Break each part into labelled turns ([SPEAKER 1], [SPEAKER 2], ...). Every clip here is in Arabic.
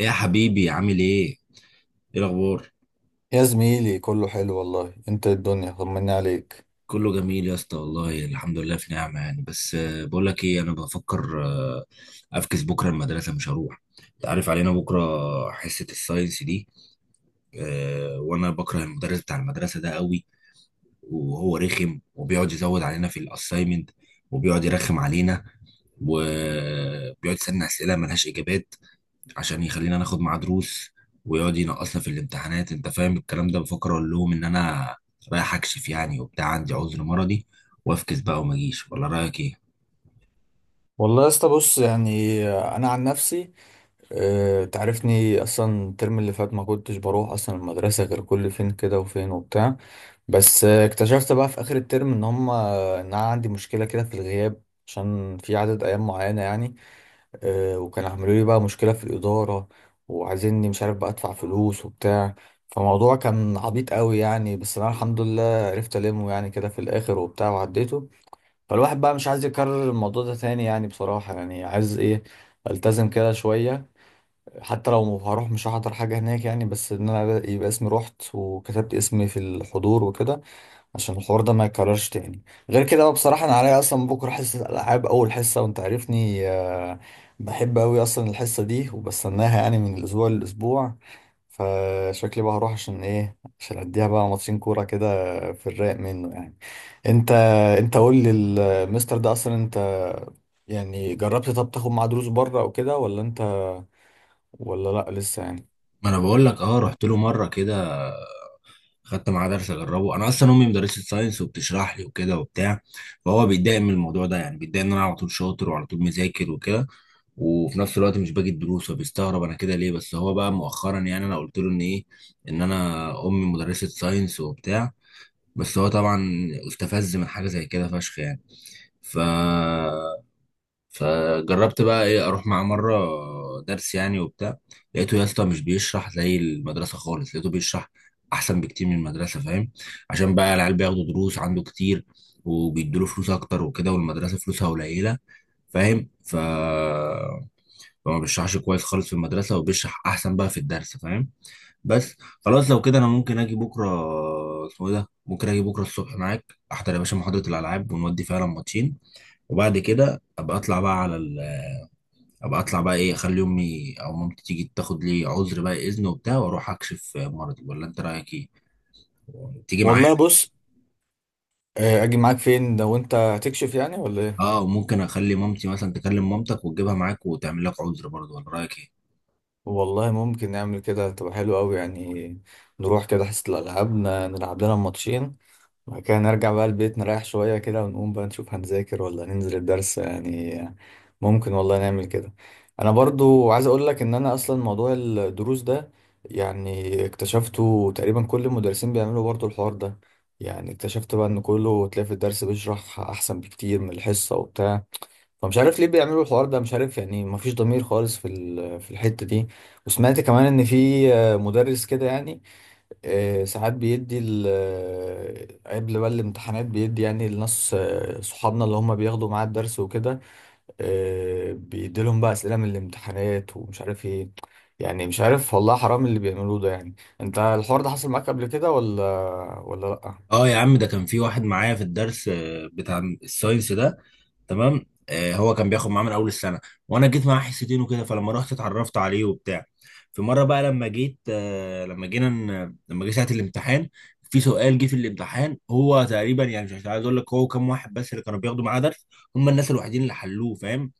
[SPEAKER 1] ايه يا حبيبي عامل ايه؟ ايه الاخبار؟
[SPEAKER 2] يا زميلي كله حلو والله، انت إيه الدنيا طمني عليك.
[SPEAKER 1] كله جميل يا اسطى والله، الحمد لله في نعمه. يعني بس بقول لك ايه، انا بفكر افكس بكره، المدرسه مش هروح. انت عارف علينا بكره حصه الساينس دي. وانا بكره المدرس بتاع المدرسه ده قوي، وهو رخم وبيقعد يزود علينا في الاساينمنت، وبيقعد يرخم علينا، وبيقعد يسألنا اسئله ملهاش اجابات عشان يخلينا ناخد معاه دروس، ويقعد ينقصنا في الامتحانات. انت فاهم الكلام ده؟ بفكر اقول لهم ان انا رايح اكشف يعني وبتاع، عندي عذر مرضي، وافكس بقى وما اجيش. ولا رايك ايه؟
[SPEAKER 2] والله يا اسطى بص يعني انا عن نفسي اه تعرفني اصلا الترم اللي فات ما كنتش بروح اصلا المدرسه غير كل فين كده وفين وبتاع. بس اكتشفت بقى في اخر الترم ان هم ان انا عندي مشكله كده في الغياب عشان في عدد ايام معينه يعني. وكان عملوا لي بقى مشكلة في الإدارة وعايزيني مش عارف بقى أدفع فلوس وبتاع، فموضوع كان عبيط قوي يعني. بس أنا الحمد لله عرفت ألمه يعني كده في الآخر وبتاع وعديته، فالواحد بقى مش عايز يكرر الموضوع ده تاني يعني بصراحة. يعني عايز إيه ألتزم كده شوية، حتى لو هروح مش هحضر حاجة هناك يعني، بس إن أنا يبقى اسمي رحت وكتبت اسمي في الحضور وكده عشان الحوار ده ما يكررش تاني. غير كده بقى بصراحة أنا عليا أصلا بكرة حصة ألعاب أول حصة، وأنت عارفني بحب أوي أصلا الحصة دي وبستناها يعني من الأسبوع للأسبوع. فشكلي بقى هروح عشان إيه، عشان أديها بقى ماتشين كورة كده في الرايق منه يعني. أنت، أنت قول لي المستر ده أصلا أنت يعني جربت طب تاخد معاه دروس بره أو كده، ولا أنت ولا لأ لسه يعني؟
[SPEAKER 1] ما انا بقول لك، اه رحت له مره كده، خدت معاه درس اجربه. انا اصلا امي مدرسه ساينس وبتشرح لي وكده وبتاع، فهو بيتضايق من الموضوع ده. يعني بيتضايق ان انا على طول شاطر وعلى طول مذاكر وكده، وفي نفس الوقت مش باجي الدروس، وبيستغرب انا كده ليه. بس هو بقى مؤخرا، يعني انا قلت له ان ايه، ان انا امي مدرسه ساينس وبتاع، بس هو طبعا استفز من حاجه زي كده فشخ يعني. ف فجربت بقى ايه، اروح معاه مره درس يعني وبتاع. لقيته يا اسطى مش بيشرح زي المدرسه خالص، لقيته بيشرح احسن بكتير من المدرسه، فاهم؟ عشان بقى العيال بياخدوا دروس عنده كتير وبيدوا له فلوس اكتر وكده، والمدرسه فلوسها قليله فاهم. فما بيشرحش كويس خالص في المدرسه، وبيشرح احسن بقى في الدرس فاهم. بس خلاص لو كده انا ممكن اجي بكره. اسمه ايه ده؟ ممكن اجي بكره الصبح معاك، احضر يا باشا محاضره الالعاب ونودي فعلا ماتشين. وبعد كده ابقى اطلع بقى على ابقى اطلع بقى ايه، اخلي امي او مامتي تيجي تاخد لي عذر بقى اذن وبتاع، واروح اكشف مرضي. ولا انت رايك ايه؟ تيجي معايا؟
[SPEAKER 2] والله بص، أجي معاك فين لو أنت هتكشف يعني ولا إيه؟
[SPEAKER 1] اه، وممكن اخلي مامتي مثلا تكلم مامتك وتجيبها معاك وتعمل لك عذر برضه. ولا رايك ايه؟
[SPEAKER 2] والله ممكن نعمل كده تبقى حلوة أوي يعني. نروح كده حصة الألعاب نلعب لنا ماتشين، وبعد كده نرجع بقى البيت نريح شوية كده، ونقوم بقى نشوف هنذاكر ولا ننزل الدرس يعني. ممكن والله نعمل كده. أنا برضو عايز أقول لك إن أنا أصلا موضوع الدروس ده يعني اكتشفته تقريبا كل المدرسين بيعملوا برضو الحوار ده. يعني اكتشفت بقى إن كله تلاقي في الدرس بيشرح أحسن بكتير من الحصة وبتاع، فمش عارف ليه بيعملوا الحوار ده، مش عارف يعني. مفيش ضمير خالص في الحتة دي. وسمعت كمان ان في مدرس كده يعني، ساعات بيدي ال- آه، قبل بقى الامتحانات بيدي يعني لناس صحابنا اللي هم بياخدوا معاه الدرس وكده، بيدي لهم بقى أسئلة من الامتحانات ومش عارف ايه. يعني مش عارف والله حرام اللي بيعملوه ده يعني. انت الحوار ده حصل معاك قبل كده ولا ولا لأ؟
[SPEAKER 1] اه يا عم، ده كان في واحد معايا في الدرس بتاع الساينس ده. تمام. هو كان بياخد معاه من اول السنه، وانا جيت معاه حصتين وكده، فلما رحت اتعرفت عليه وبتاع. في مره بقى لما جيت لما لما جه ساعه الامتحان، في سؤال جه في الامتحان، هو تقريبا يعني مش عايز اقول لك هو كام واحد، بس اللي كانوا بياخدوا معاه درس هم الناس الوحيدين اللي حلوه فاهم.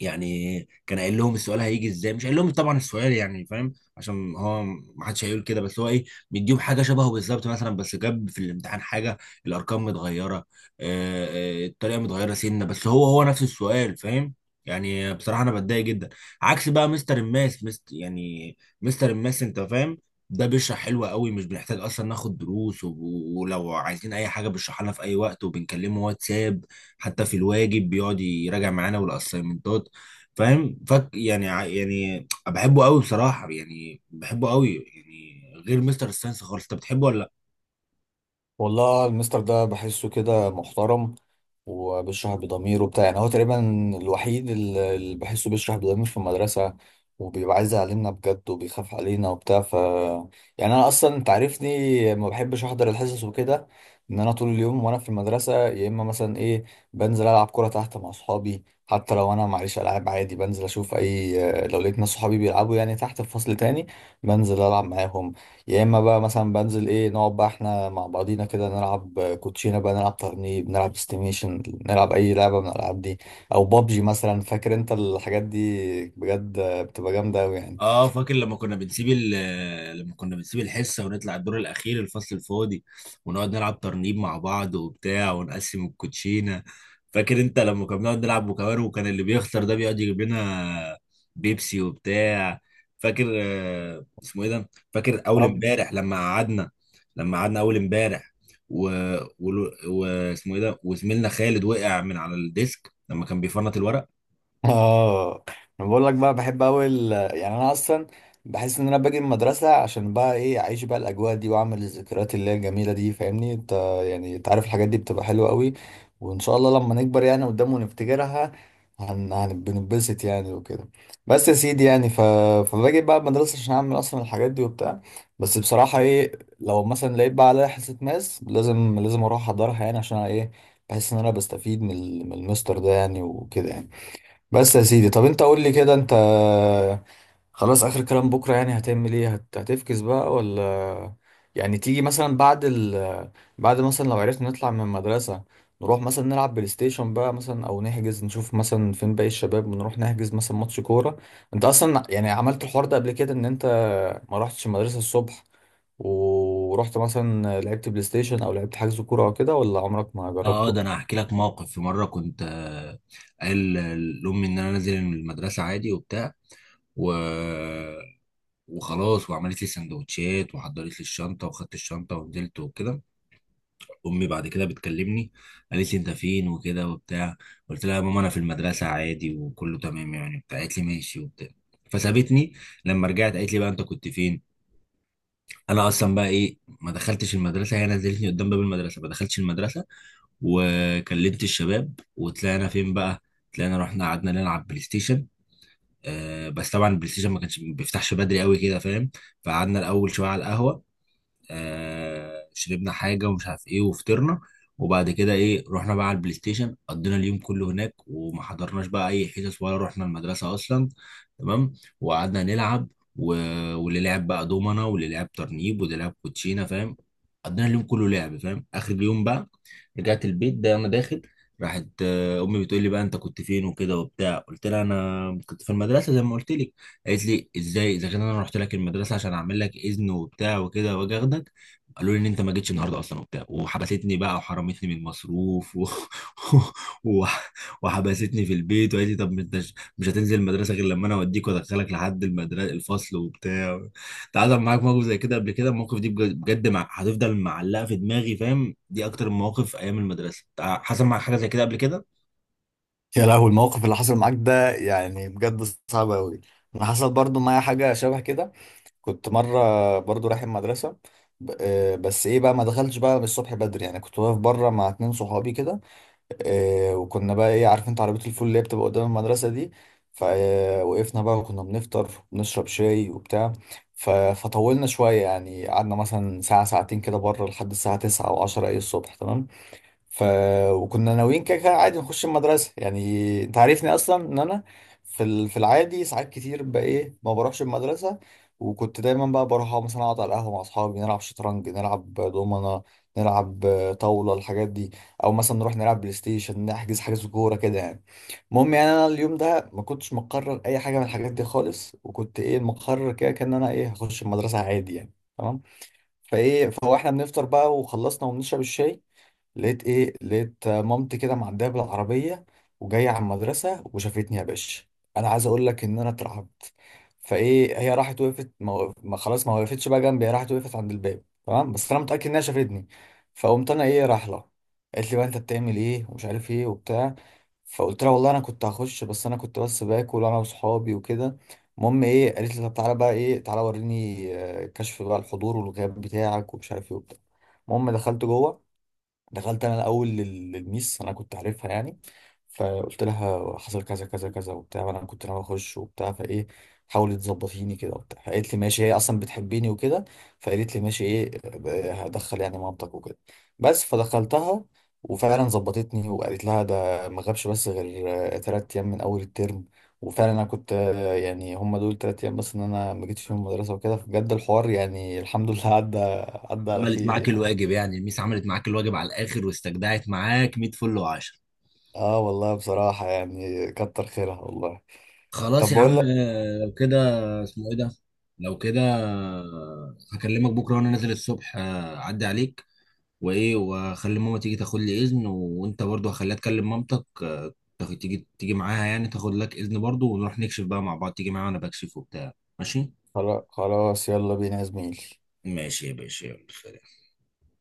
[SPEAKER 1] يعني كان قايل لهم السؤال هيجي ازاي، مش قايل لهم طبعا السؤال يعني فاهم، عشان هو ما حدش هيقول كده، بس هو ايه، مديهم حاجه شبهه بالظبط مثلا، بس جاب في الامتحان حاجه الارقام متغيره، الطريقه متغيره سنه، بس هو نفس السؤال فاهم. يعني بصراحه انا بتضايق جدا. عكس بقى مستر الماس يعني مستر الماس انت فاهم، ده بيشرح حلو قوي، مش بنحتاج اصلا ناخد دروس، ولو عايزين اي حاجه بيشرحها لنا في اي وقت، وبنكلمه واتساب، حتى في الواجب بيقعد يراجع معانا والاسايمنتات فاهم. فك يعني يعني بحبه قوي بصراحه، يعني بحبه قوي يعني غير مستر ساينس خالص. انت بتحبه ولا؟
[SPEAKER 2] والله المستر ده بحسه كده محترم وبيشرح بضمير وبتاع. يعني هو تقريبا الوحيد اللي بحسه بيشرح بضمير في المدرسة، وبيبقى عايز يعلمنا بجد وبيخاف علينا وبتاع. ف يعني انا اصلا انت عارفني ما بحبش احضر الحصص وكده. ان انا طول اليوم وانا في المدرسة يا اما مثلا ايه بنزل العب كورة تحت مع اصحابي، حتى لو انا معيش العاب عادي بنزل اشوف اي لو لقيت ناس صحابي بيلعبوا يعني تحت في فصل تاني بنزل العب معاهم. يا اما بقى مثلا بنزل ايه نقعد بقى احنا مع بعضينا كده نلعب كوتشينه بقى، نلعب ترنيب، نلعب استيميشن، نلعب اي لعبه من الالعاب دي، او بابجي مثلا. فاكر انت الحاجات دي بجد بتبقى جامده قوي يعني.
[SPEAKER 1] اه فاكر لما كنا بنسيب ال لما كنا بنسيب الحصه، ونطلع الدور الاخير الفصل الفاضي، ونقعد نلعب ترنيب مع بعض وبتاع، ونقسم الكوتشينه. فاكر انت لما كنا بنقعد نلعب بوكابار، وكان اللي بيخسر ده بيقعد يجيب لنا بيبسي وبتاع. فاكر اسمه ايه ده، فاكر اول امبارح لما لما قعدنا اول امبارح و... و... واسمه ايه ده، وزميلنا خالد وقع من على الديسك لما كان بيفنط الورق.
[SPEAKER 2] اه انا بقول لك بقى بحب قوي يعني. انا اصلا بحس ان انا باجي من المدرسه عشان بقى ايه اعيش بقى الاجواء دي واعمل الذكريات اللي هي الجميله دي فاهمني انت. يعني انت عارف الحاجات دي بتبقى حلوه قوي، وان شاء الله لما نكبر يعني قدام ونفتكرها بننبسط يعني وكده. بس يا سيدي يعني فباجي بقى المدرسه عشان اعمل اصلا الحاجات دي وبتاع. بس بصراحه ايه لو مثلا لقيت بقى عليا حصه ماس لازم لازم اروح احضرها يعني، عشان ايه بحس ان انا بستفيد من المستر ده يعني وكده يعني. بس يا سيدي طب انت قول لي كده، انت خلاص اخر كلام بكره يعني هتعمل ايه، هتفكس بقى ولا يعني تيجي مثلا بعد مثلا لو عرفنا نطلع من المدرسه نروح مثلا نلعب بلاي ستيشن بقى مثلا، او نحجز نشوف مثلا فين باقي الشباب ونروح نحجز مثلا ماتش كوره؟ انت اصلا يعني عملت الحوار ده قبل كده ان انت ما رحتش المدرسه الصبح ورحت مثلا لعبت بلاي ستيشن او لعبت حجز كوره او كده، ولا عمرك ما
[SPEAKER 1] اه،
[SPEAKER 2] جربته؟
[SPEAKER 1] ده انا هحكي لك موقف، في مره كنت قايل لامي ان انا نازل من المدرسه عادي وبتاع. و... وخلاص، وعملت لي سندوتشات وحضرت لي الشنطه، وخدت الشنطه ونزلت وكده. امي بعد كده بتكلمني، قالت لي انت فين وكده وبتاع، قلت لها يا ماما انا في المدرسه عادي وكله تمام يعني بتاع، قالت لي ماشي وبتاع، فسابتني. لما رجعت قالت لي بقى انت كنت فين. انا اصلا بقى ايه، ما دخلتش المدرسه، هي نزلتني قدام باب المدرسه، ما دخلتش المدرسه، وكلمت الشباب وطلعنا فين بقى. طلعنا رحنا قعدنا نلعب بلاي ستيشن. آه، بس طبعا البلاي ستيشن ما كانش، ما بيفتحش بدري قوي كده فاهم. فقعدنا الاول شويه على القهوه، آه، شربنا حاجه ومش عارف ايه، وفطرنا. وبعد كده ايه، رحنا بقى على البلاي ستيشن، قضينا اليوم كله هناك، وما حضرناش بقى اي حصص ولا رحنا المدرسه اصلا تمام. وقعدنا نلعب و... واللي لعب بقى دومنا، واللي لعب ترنيب، واللي لعب كوتشينه فاهم. قضينا اليوم كله لعب فاهم. اخر اليوم بقى رجعت البيت، ده انا داخل، راحت امي بتقول لي بقى انت كنت فين وكده وبتاع، قلت لها انا كنت في المدرسه زي ما قلت لك. قالت لي ازاي، اذا كان انا رحت لك المدرسه عشان اعمل لك اذن وبتاع وكده، واجي اخدك، قالوا لي ان انت ما جيتش النهارده اصلا وبتاع. وحبستني بقى، وحرمتني من المصروف و... وحبستني في البيت، وقالت لي طب انت مش هتنزل المدرسه غير لما انا اوديك وادخلك لحد المدرسه الفصل وبتاع. تعالى، معاك موقف زي كده قبل كده؟ المواقف دي بجد بجد هتفضل معلقه في دماغي فاهم، دي اكتر المواقف ايام المدرسه. حصل معاك حاجه زي كده قبل كده؟
[SPEAKER 2] يا لهوي الموقف اللي حصل معاك ده يعني بجد صعب قوي. انا حصل برضو معايا حاجه شبه كده. كنت مره برضو رايح المدرسه، بس ايه بقى ما دخلتش بقى من الصبح بدري يعني، كنت واقف بره مع 2 صحابي كده. وكنا بقى ايه عارف انت عربيه الفول اللي هي بتبقى قدام المدرسه دي، فوقفنا بقى وكنا بنفطر ونشرب شاي وبتاع. فطولنا شويه يعني، قعدنا مثلا ساعه ساعتين كده بره لحد الساعه 9 او 10 ايه الصبح تمام. ف وكنا ناويين كده كده عادي نخش المدرسه يعني، انت عارفني اصلا ان انا في العادي ساعات كتير بقى ايه ما بروحش المدرسه، وكنت دايما بقى بروح أقعد مثلا اقعد على القهوه مع اصحابي نلعب شطرنج، نلعب دومنه، نلعب طاوله الحاجات دي، او مثلا نروح نلعب بلاي ستيشن نحجز حجز كوره كده يعني. المهم يعني انا اليوم ده ما كنتش مقرر اي حاجه من الحاجات دي خالص، وكنت ايه مقرر كده كان انا ايه هخش المدرسه عادي يعني تمام. فايه فاحنا بنفطر بقى وخلصنا وبنشرب الشاي، لقيت ايه لقيت مامتي كده معديه بالعربيه وجايه على المدرسه وشافتني يا باشا. انا عايز اقول لك ان انا اترعبت. فايه هي راحت وقفت ما خلاص ما وقفتش بقى جنبي، هي راحت وقفت عند الباب تمام، بس انا متاكد انها شافتني. فقمت انا ايه راح لها، قالت لي بقى انت بتعمل ايه ومش عارف ايه وبتاع، فقلت لها والله انا كنت هخش بس انا كنت بس باكل انا واصحابي وكده. المهم ايه قالت لي طب تعالى بقى ايه تعالى وريني كشف بقى الحضور والغياب بتاعك ومش عارف ايه وبتاع. المهم دخلت جوه، دخلت انا الاول للميس انا كنت عارفها يعني، فقلت لها حصل كذا كذا كذا وبتاع وانا كنت ناوي اخش وبتاع، فايه حاولت تظبطيني كده وبتاع، فقالت لي ماشي هي اصلا بتحبني وكده. فقالت لي ماشي ايه هدخل يعني مامتك وكده بس، فدخلتها وفعلا ظبطتني وقالت لها ده ما غابش بس غير 3 ايام من اول الترم. وفعلا انا كنت يعني هم دول 3 ايام بس ان انا ما جيتش فيهم المدرسه وكده، فبجد الحوار يعني الحمد لله عدى، عدى على
[SPEAKER 1] عملت
[SPEAKER 2] خير
[SPEAKER 1] معاك
[SPEAKER 2] يعني.
[SPEAKER 1] الواجب يعني، الميس عملت معاك الواجب على الاخر، واستجدعت معاك 100 فل و10.
[SPEAKER 2] اه والله بصراحة يعني كتر خيرها والله.
[SPEAKER 1] خلاص
[SPEAKER 2] طب
[SPEAKER 1] يا
[SPEAKER 2] بقول
[SPEAKER 1] عم،
[SPEAKER 2] لك
[SPEAKER 1] لو كده، اسمه ايه ده، لو كده هكلمك بكره وانا نازل الصبح، اعدي عليك وايه، واخلي ماما تيجي تاخد لي اذن، وانت برضو هخليها تكلم مامتك، تيجي معاها يعني، تاخد لك اذن برضو، ونروح نكشف بقى مع بعض. تيجي معايا وانا بكشف وبتاع؟ ماشي.
[SPEAKER 2] خلاص يلا بينا يا زميلي.
[SPEAKER 1] ماشي يا باشا، يلا سلام.